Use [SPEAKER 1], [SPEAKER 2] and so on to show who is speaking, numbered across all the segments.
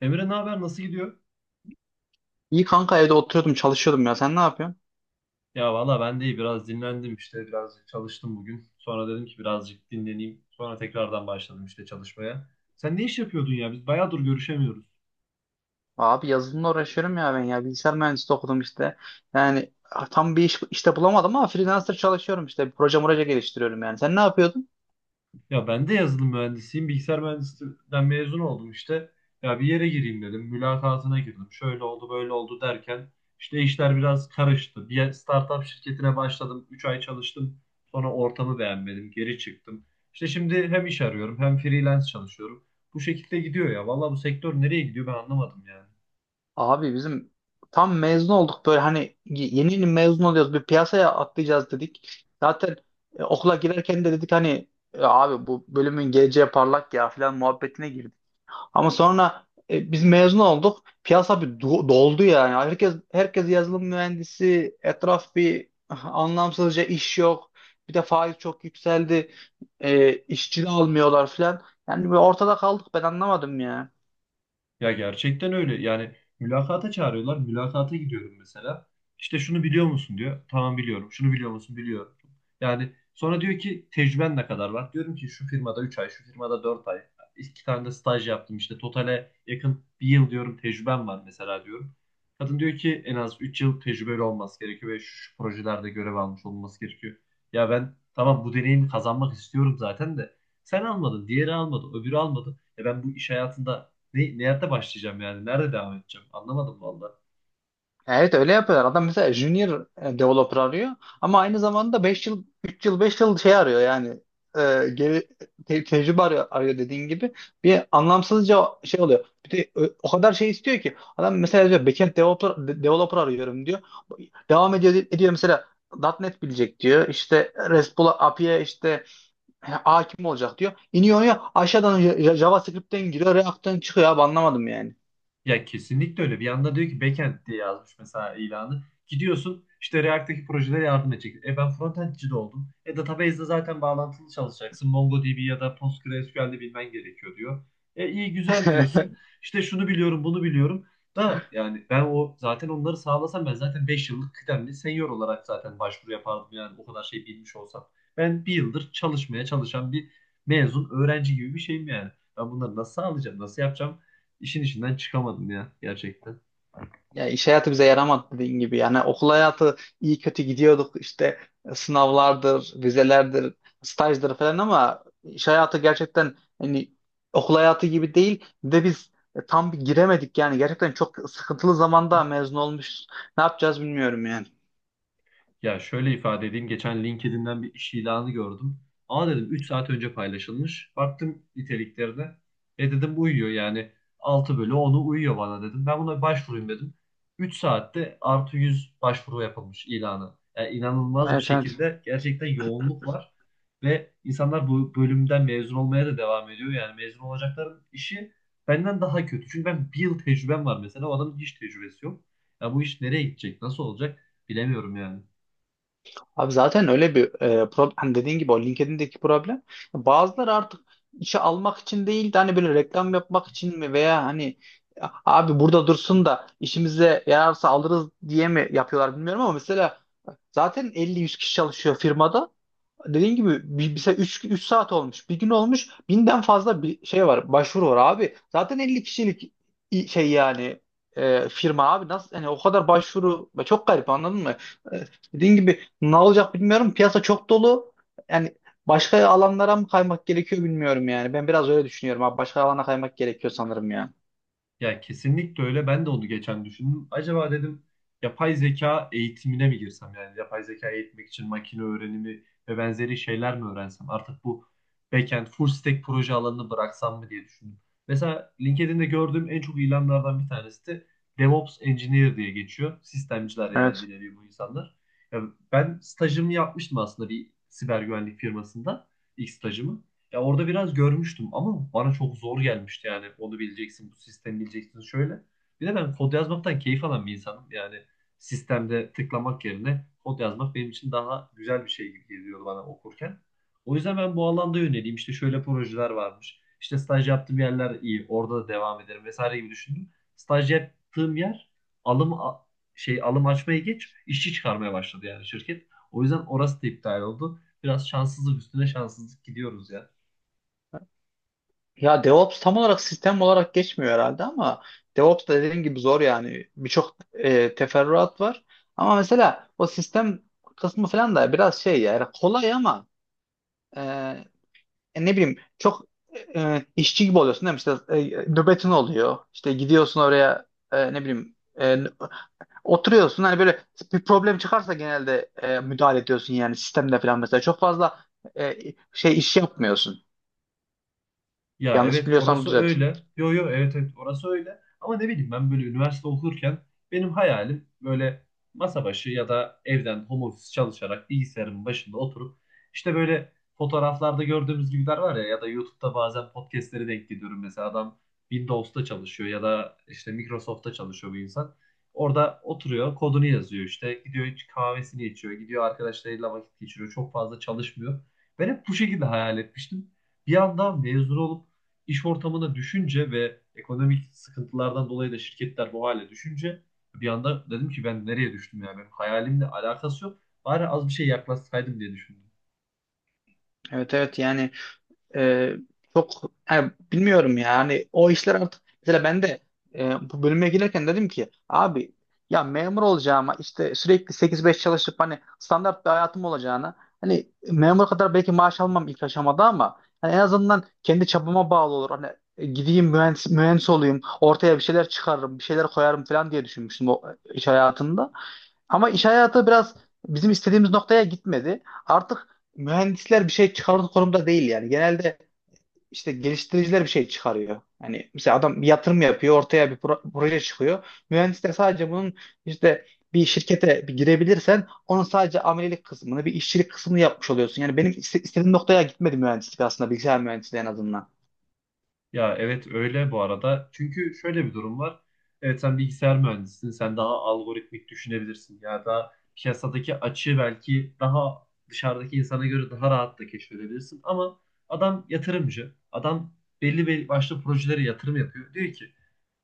[SPEAKER 1] Emre ne haber? Nasıl gidiyor?
[SPEAKER 2] İyi kanka evde oturuyordum çalışıyordum ya sen ne yapıyorsun?
[SPEAKER 1] Ya valla ben de iyi. Biraz dinlendim işte. Birazcık çalıştım bugün. Sonra dedim ki birazcık dinleneyim. Sonra tekrardan başladım işte çalışmaya. Sen ne iş yapıyordun ya? Biz bayağıdır görüşemiyoruz.
[SPEAKER 2] Abi yazılımla uğraşıyorum ya ben ya bilgisayar mühendisliği okudum işte. Yani tam bir iş işte bulamadım ama freelancer çalışıyorum işte proje proje geliştiriyorum yani. Sen ne yapıyordun?
[SPEAKER 1] Ya ben de yazılım mühendisiyim. Bilgisayar mühendisliğinden mezun oldum işte. Ya bir yere gireyim dedim. Mülakatına girdim. Şöyle oldu böyle oldu derken işte işler biraz karıştı. Bir startup şirketine başladım. Üç ay çalıştım. Sonra ortamı beğenmedim. Geri çıktım. İşte şimdi hem iş arıyorum hem freelance çalışıyorum. Bu şekilde gidiyor ya. Vallahi bu sektör nereye gidiyor ben anlamadım yani.
[SPEAKER 2] Abi bizim tam mezun olduk böyle hani yeni yeni mezun oluyoruz bir piyasaya atlayacağız dedik. Zaten okula girerken de dedik hani "E, abi bu bölümün geleceği parlak ya filan muhabbetine. Ama sonra biz mezun olduk. Piyasa bir doldu yani. Herkes yazılım mühendisi. Etraf bir anlamsızca iş yok. Bir de faiz çok yükseldi. İşçi de almıyorlar filan. Yani bir ortada kaldık. Ben anlamadım ya.
[SPEAKER 1] Ya gerçekten öyle. Yani mülakata çağırıyorlar. Mülakata gidiyorum mesela. İşte şunu biliyor musun diyor. Tamam biliyorum. Şunu biliyor musun? Biliyorum. Yani sonra diyor ki tecrüben ne kadar var? Diyorum ki şu firmada 3 ay, şu firmada 4 ay. İki tane de staj yaptım işte. Totale yakın bir yıl diyorum tecrübem var mesela diyorum. Kadın diyor ki en az 3 yıl tecrübeli olması gerekiyor ve şu projelerde görev almış olması gerekiyor. Ya ben tamam bu deneyimi kazanmak istiyorum zaten de sen almadın, diğeri almadı, öbürü almadı. E ben bu iş hayatında nerede başlayacağım yani? Nerede devam edeceğim? Anlamadım valla.
[SPEAKER 2] Ya, evet öyle yapıyorlar. Adam mesela junior developer arıyor ama aynı zamanda 5 yıl 3 yıl 5 yıl şey arıyor yani, e, geri tecrübe arıyor dediğin gibi bir anlamsızca şey oluyor. Bir de o kadar şey istiyor ki adam mesela diyor backend developer, developer arıyorum diyor. Devam ediyor mesela .nokta .NET bilecek diyor. İşte RESTful API'ye işte hakim olacak diyor. İniyor ya aşağıdan JavaScript'ten giriyor, React'ten çıkıyor abi anlamadım yani.
[SPEAKER 1] Ya kesinlikle öyle. Bir yanda diyor ki backend diye yazmış mesela ilanı. Gidiyorsun işte React'teki projelere yardım edecek. E ben frontendçi de oldum. E database'de zaten bağlantılı çalışacaksın. MongoDB ya da PostgreSQL'de bilmen gerekiyor diyor. E iyi güzel diyorsun. İşte şunu biliyorum bunu biliyorum. Da yani ben o zaten onları sağlasam ben zaten 5 yıllık kıdemli senior olarak zaten başvuru yapardım yani o kadar şey bilmiş olsam. Ben bir yıldır çalışmaya çalışan bir mezun öğrenci gibi bir şeyim yani. Ben bunları nasıl sağlayacağım, nasıl yapacağım? İşin içinden çıkamadım ya gerçekten.
[SPEAKER 2] Ya iş hayatı bize yaramadı dediğin gibi. Yani okul hayatı iyi kötü gidiyorduk işte, sınavlardır, vizelerdir, stajdır falan, ama iş hayatı gerçekten hani okul hayatı gibi değil. Bir de biz tam bir giremedik yani, gerçekten çok sıkıntılı zamanda mezun olmuş. Ne yapacağız bilmiyorum yani.
[SPEAKER 1] Ya şöyle ifade edeyim. Geçen LinkedIn'den bir iş ilanı gördüm. Aa dedim 3 saat önce paylaşılmış. Baktım niteliklerine. E dedim bu uyuyor yani 6/10'u uyuyor bana dedim. Ben buna başvurayım dedim. 3 saatte +100 başvuru yapılmış ilanı. Yani inanılmaz bir
[SPEAKER 2] Evet, evet.
[SPEAKER 1] şekilde gerçekten yoğunluk var. Ve insanlar bu bölümden mezun olmaya da devam ediyor. Yani mezun olacakların işi benden daha kötü. Çünkü ben 1 yıl tecrübem var mesela. O adamın hiç tecrübesi yok. Ya bu iş nereye gidecek? Nasıl olacak? Bilemiyorum yani.
[SPEAKER 2] Abi zaten öyle bir problem hani, dediğin gibi, o LinkedIn'deki problem bazıları artık işe almak için değil de hani böyle reklam yapmak için mi, veya hani "A- abi burada dursun da işimize yararsa alırız" diye mi yapıyorlar bilmiyorum ama mesela zaten 50-100 kişi çalışıyor firmada, dediğin gibi bir, mesela 3 saat olmuş. Bir gün olmuş. 1000'den fazla bir şey var. Başvuru var abi. Zaten 50 kişilik şey yani, firma abi, nasıl hani o kadar başvuru, çok garip, anladın mı? E, dediğin gibi ne olacak bilmiyorum. Piyasa çok dolu. Yani başka alanlara mı kaymak gerekiyor bilmiyorum yani. Ben biraz öyle düşünüyorum abi. Başka alana kaymak gerekiyor sanırım ya.
[SPEAKER 1] Ya kesinlikle öyle. Ben de onu geçen düşündüm. Acaba dedim yapay zeka eğitimine mi girsem? Yani yapay zeka eğitmek için makine öğrenimi ve benzeri şeyler mi öğrensem? Artık bu backend, full stack proje alanını bıraksam mı diye düşündüm. Mesela LinkedIn'de gördüğüm en çok ilanlardan bir tanesi de DevOps Engineer diye geçiyor. Sistemciler yani
[SPEAKER 2] Evet.
[SPEAKER 1] bir nevi bu insanlar. Ya ben stajımı yapmıştım aslında bir siber güvenlik firmasında. İlk stajımı. Ya orada biraz görmüştüm ama bana çok zor gelmişti yani. Onu bileceksin, bu sistemi bileceksin şöyle. Bir de ben kod yazmaktan keyif alan bir insanım. Yani sistemde tıklamak yerine kod yazmak benim için daha güzel bir şey gibi geliyor bana okurken. O yüzden ben bu alanda yöneleyim. İşte şöyle projeler varmış. İşte staj yaptığım yerler iyi. Orada da devam ederim vesaire gibi düşündüm. Staj yaptığım yer alım a- şey alım açmaya geç işçi çıkarmaya başladı yani şirket. O yüzden orası da iptal oldu. Biraz şanssızlık üstüne şanssızlık gidiyoruz ya.
[SPEAKER 2] Ya DevOps tam olarak sistem olarak geçmiyor herhalde ama DevOps da dediğin gibi zor yani. Birçok teferruat var. Ama mesela o sistem kısmı falan da biraz şey ya, yani kolay, ama e, e, ne bileyim çok işçi gibi oluyorsun değil mi? İşte nöbetin oluyor. İşte gidiyorsun oraya, ne bileyim, e, oturuyorsun. Hani böyle bir problem çıkarsa genelde müdahale ediyorsun yani sistemde falan mesela. Çok fazla e, şey iş yapmıyorsun.
[SPEAKER 1] Ya
[SPEAKER 2] Yanlış
[SPEAKER 1] evet
[SPEAKER 2] biliyorsam
[SPEAKER 1] orası
[SPEAKER 2] düzelt.
[SPEAKER 1] öyle. Yo yo evet evet orası öyle. Ama ne bileyim ben böyle üniversite okurken benim hayalim böyle masa başı ya da evden home office çalışarak bilgisayarın başında oturup işte böyle fotoğraflarda gördüğümüz gibiler var ya ya da YouTube'da bazen podcastlere denk geliyorum. Mesela adam Windows'ta çalışıyor ya da işte Microsoft'ta çalışıyor bu insan. Orada oturuyor, kodunu yazıyor işte. Gidiyor hiç kahvesini içiyor. Gidiyor arkadaşlarıyla vakit geçiriyor. Çok fazla çalışmıyor. Ben hep bu şekilde hayal etmiştim. Bir anda mezun olup İş ortamına düşünce ve ekonomik sıkıntılardan dolayı da şirketler bu hale düşünce bir anda dedim ki ben nereye düştüm yani benim hayalimle alakası yok. Bari az bir şey yaklaşsaydım diye düşündüm.
[SPEAKER 2] Evet, evet yani. Ee, çok yani bilmiyorum ya. Hani o işler artık, mesela ben de bu bölüme girerken dedim ki abi, ya memur olacağıma, işte sürekli 8-5 çalışıp hani standart bir hayatım olacağına, hani memur kadar belki maaş almam ilk aşamada, ama hani en azından kendi çabama bağlı olur. Hani gideyim mühendis, olayım, ortaya bir şeyler çıkarırım bir şeyler koyarım falan diye düşünmüştüm o iş hayatında. Ama iş hayatı biraz bizim istediğimiz noktaya gitmedi. Artık mühendisler bir şey çıkarır konumda değil yani. Genelde işte geliştiriciler bir şey çıkarıyor. Yani mesela adam bir yatırım yapıyor, ortaya bir proje çıkıyor. Mühendis de sadece bunun işte, bir şirkete bir girebilirsen, onun sadece amelilik kısmını, bir işçilik kısmını yapmış oluyorsun. Yani benim istediğim noktaya gitmedi mühendislik, aslında bilgisayar mühendisliği en azından.
[SPEAKER 1] Ya evet öyle bu arada. Çünkü şöyle bir durum var. Evet sen bilgisayar mühendisisin. Sen daha algoritmik düşünebilirsin. Ya da piyasadaki açığı belki daha dışarıdaki insana göre daha rahat da keşfedebilirsin. Ama adam yatırımcı. Adam belli başlı projelere yatırım yapıyor. Diyor ki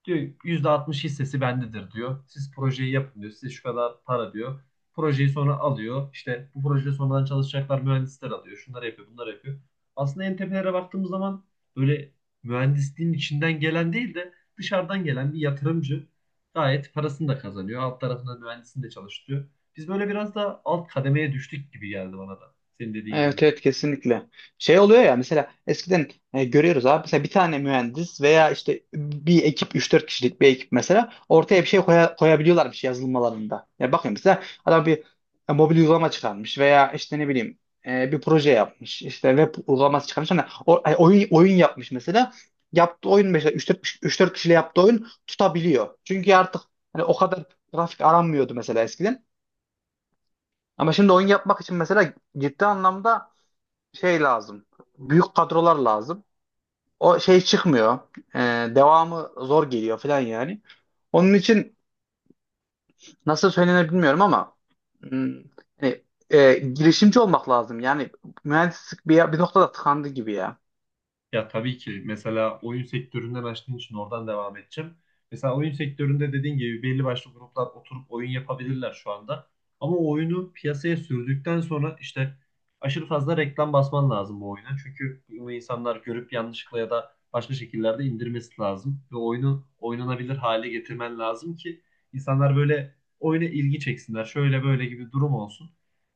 [SPEAKER 1] Diyor %60 hissesi bendedir diyor. Siz projeyi yapın diyor. Size şu kadar para diyor. Projeyi sonra alıyor. İşte bu projede sonradan çalışacaklar mühendisler alıyor. Şunları yapıyor, bunları yapıyor. Aslında en tepelere baktığımız zaman böyle mühendisliğin içinden gelen değil de dışarıdan gelen bir yatırımcı gayet parasını da kazanıyor. Alt tarafında mühendisini de çalıştırıyor. Biz böyle biraz da alt kademeye düştük gibi geldi bana da. Senin dediğin gibi.
[SPEAKER 2] Evet, evet, kesinlikle. Şey oluyor ya, mesela eskiden görüyoruz abi, mesela bir tane mühendis veya işte bir ekip, 3-4 kişilik bir ekip mesela, ortaya bir şey koyabiliyorlarmış yazılımlarında. Ya bakıyorum mesela adam bir mobil uygulama çıkarmış, veya işte ne bileyim, bir proje yapmış, işte web uygulaması çıkarmış, hani oyun oyun yapmış mesela. Yaptığı oyun mesela 3-4 kişiyle yaptığı oyun tutabiliyor. Çünkü artık hani o kadar grafik aranmıyordu mesela eskiden. Ama şimdi oyun yapmak için mesela ciddi anlamda şey lazım. Büyük kadrolar lazım. O şey çıkmıyor. Ee, devamı zor geliyor falan yani. Onun için nasıl söylenir bilmiyorum ama, hmm, hani, girişimci olmak lazım. Yani mühendislik bir noktada tıkandı gibi ya.
[SPEAKER 1] Ya tabii ki mesela oyun sektöründen açtığın için oradan devam edeceğim. Mesela oyun sektöründe dediğin gibi belli başlı gruplar oturup oyun yapabilirler şu anda. Ama o oyunu piyasaya sürdükten sonra işte aşırı fazla reklam basman lazım bu oyuna. Çünkü bunu insanlar görüp yanlışlıkla ya da başka şekillerde indirmesi lazım. Ve oyunu oynanabilir hale getirmen lazım ki insanlar böyle oyuna ilgi çeksinler. Şöyle böyle gibi durum olsun.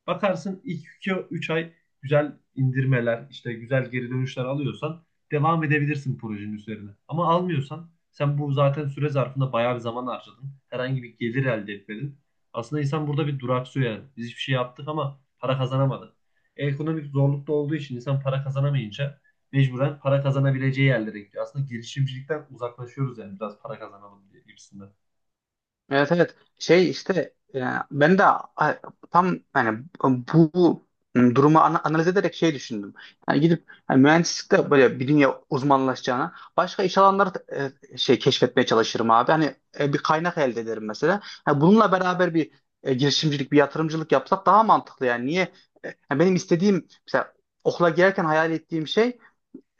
[SPEAKER 1] Bakarsın ilk 2-3 ay güzel indirmeler, işte güzel geri dönüşler alıyorsan devam edebilirsin projenin üzerine. Ama almıyorsan sen bu zaten süre zarfında bayağı bir zaman harcadın. Herhangi bir gelir elde etmedin. Aslında insan burada bir duraksıyor yani. Biz hiçbir şey yaptık ama para kazanamadık. Ekonomik zorlukta olduğu için insan para kazanamayınca mecburen para kazanabileceği yerlere gidiyor. Aslında girişimcilikten uzaklaşıyoruz yani biraz para kazanalım diye gibisinden.
[SPEAKER 2] Evet, evet, şey işte, ben de tam yani bu durumu analiz ederek şey düşündüm. Yani gidip, yani mühendislikte böyle bir dünya uzmanlaşacağına başka iş alanları da, şey keşfetmeye çalışırım abi. Hani bir kaynak elde ederim mesela. Ha, bununla beraber bir girişimcilik, bir yatırımcılık yapsak daha mantıklı yani. Niye? Yani benim istediğim, mesela okula girerken hayal ettiğim şey,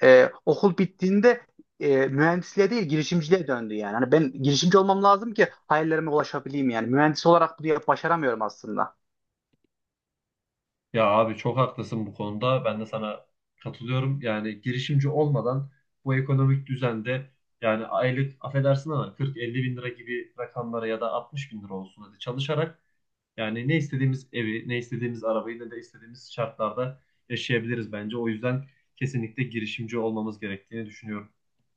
[SPEAKER 2] okul bittiğinde mühendisliğe değil girişimciliğe döndü yani. Hani ben girişimci olmam lazım ki hayallerime ulaşabileyim yani. Mühendis olarak bunu başaramıyorum aslında.
[SPEAKER 1] Ya abi çok haklısın bu konuda. Ben de sana katılıyorum. Yani girişimci olmadan bu ekonomik düzende yani aylık affedersin ama 40-50 bin lira gibi rakamlara ya da 60 bin lira olsun hadi çalışarak yani ne istediğimiz evi, ne istediğimiz arabayı, ne de istediğimiz şartlarda yaşayabiliriz bence. O yüzden kesinlikle girişimci olmamız gerektiğini düşünüyorum.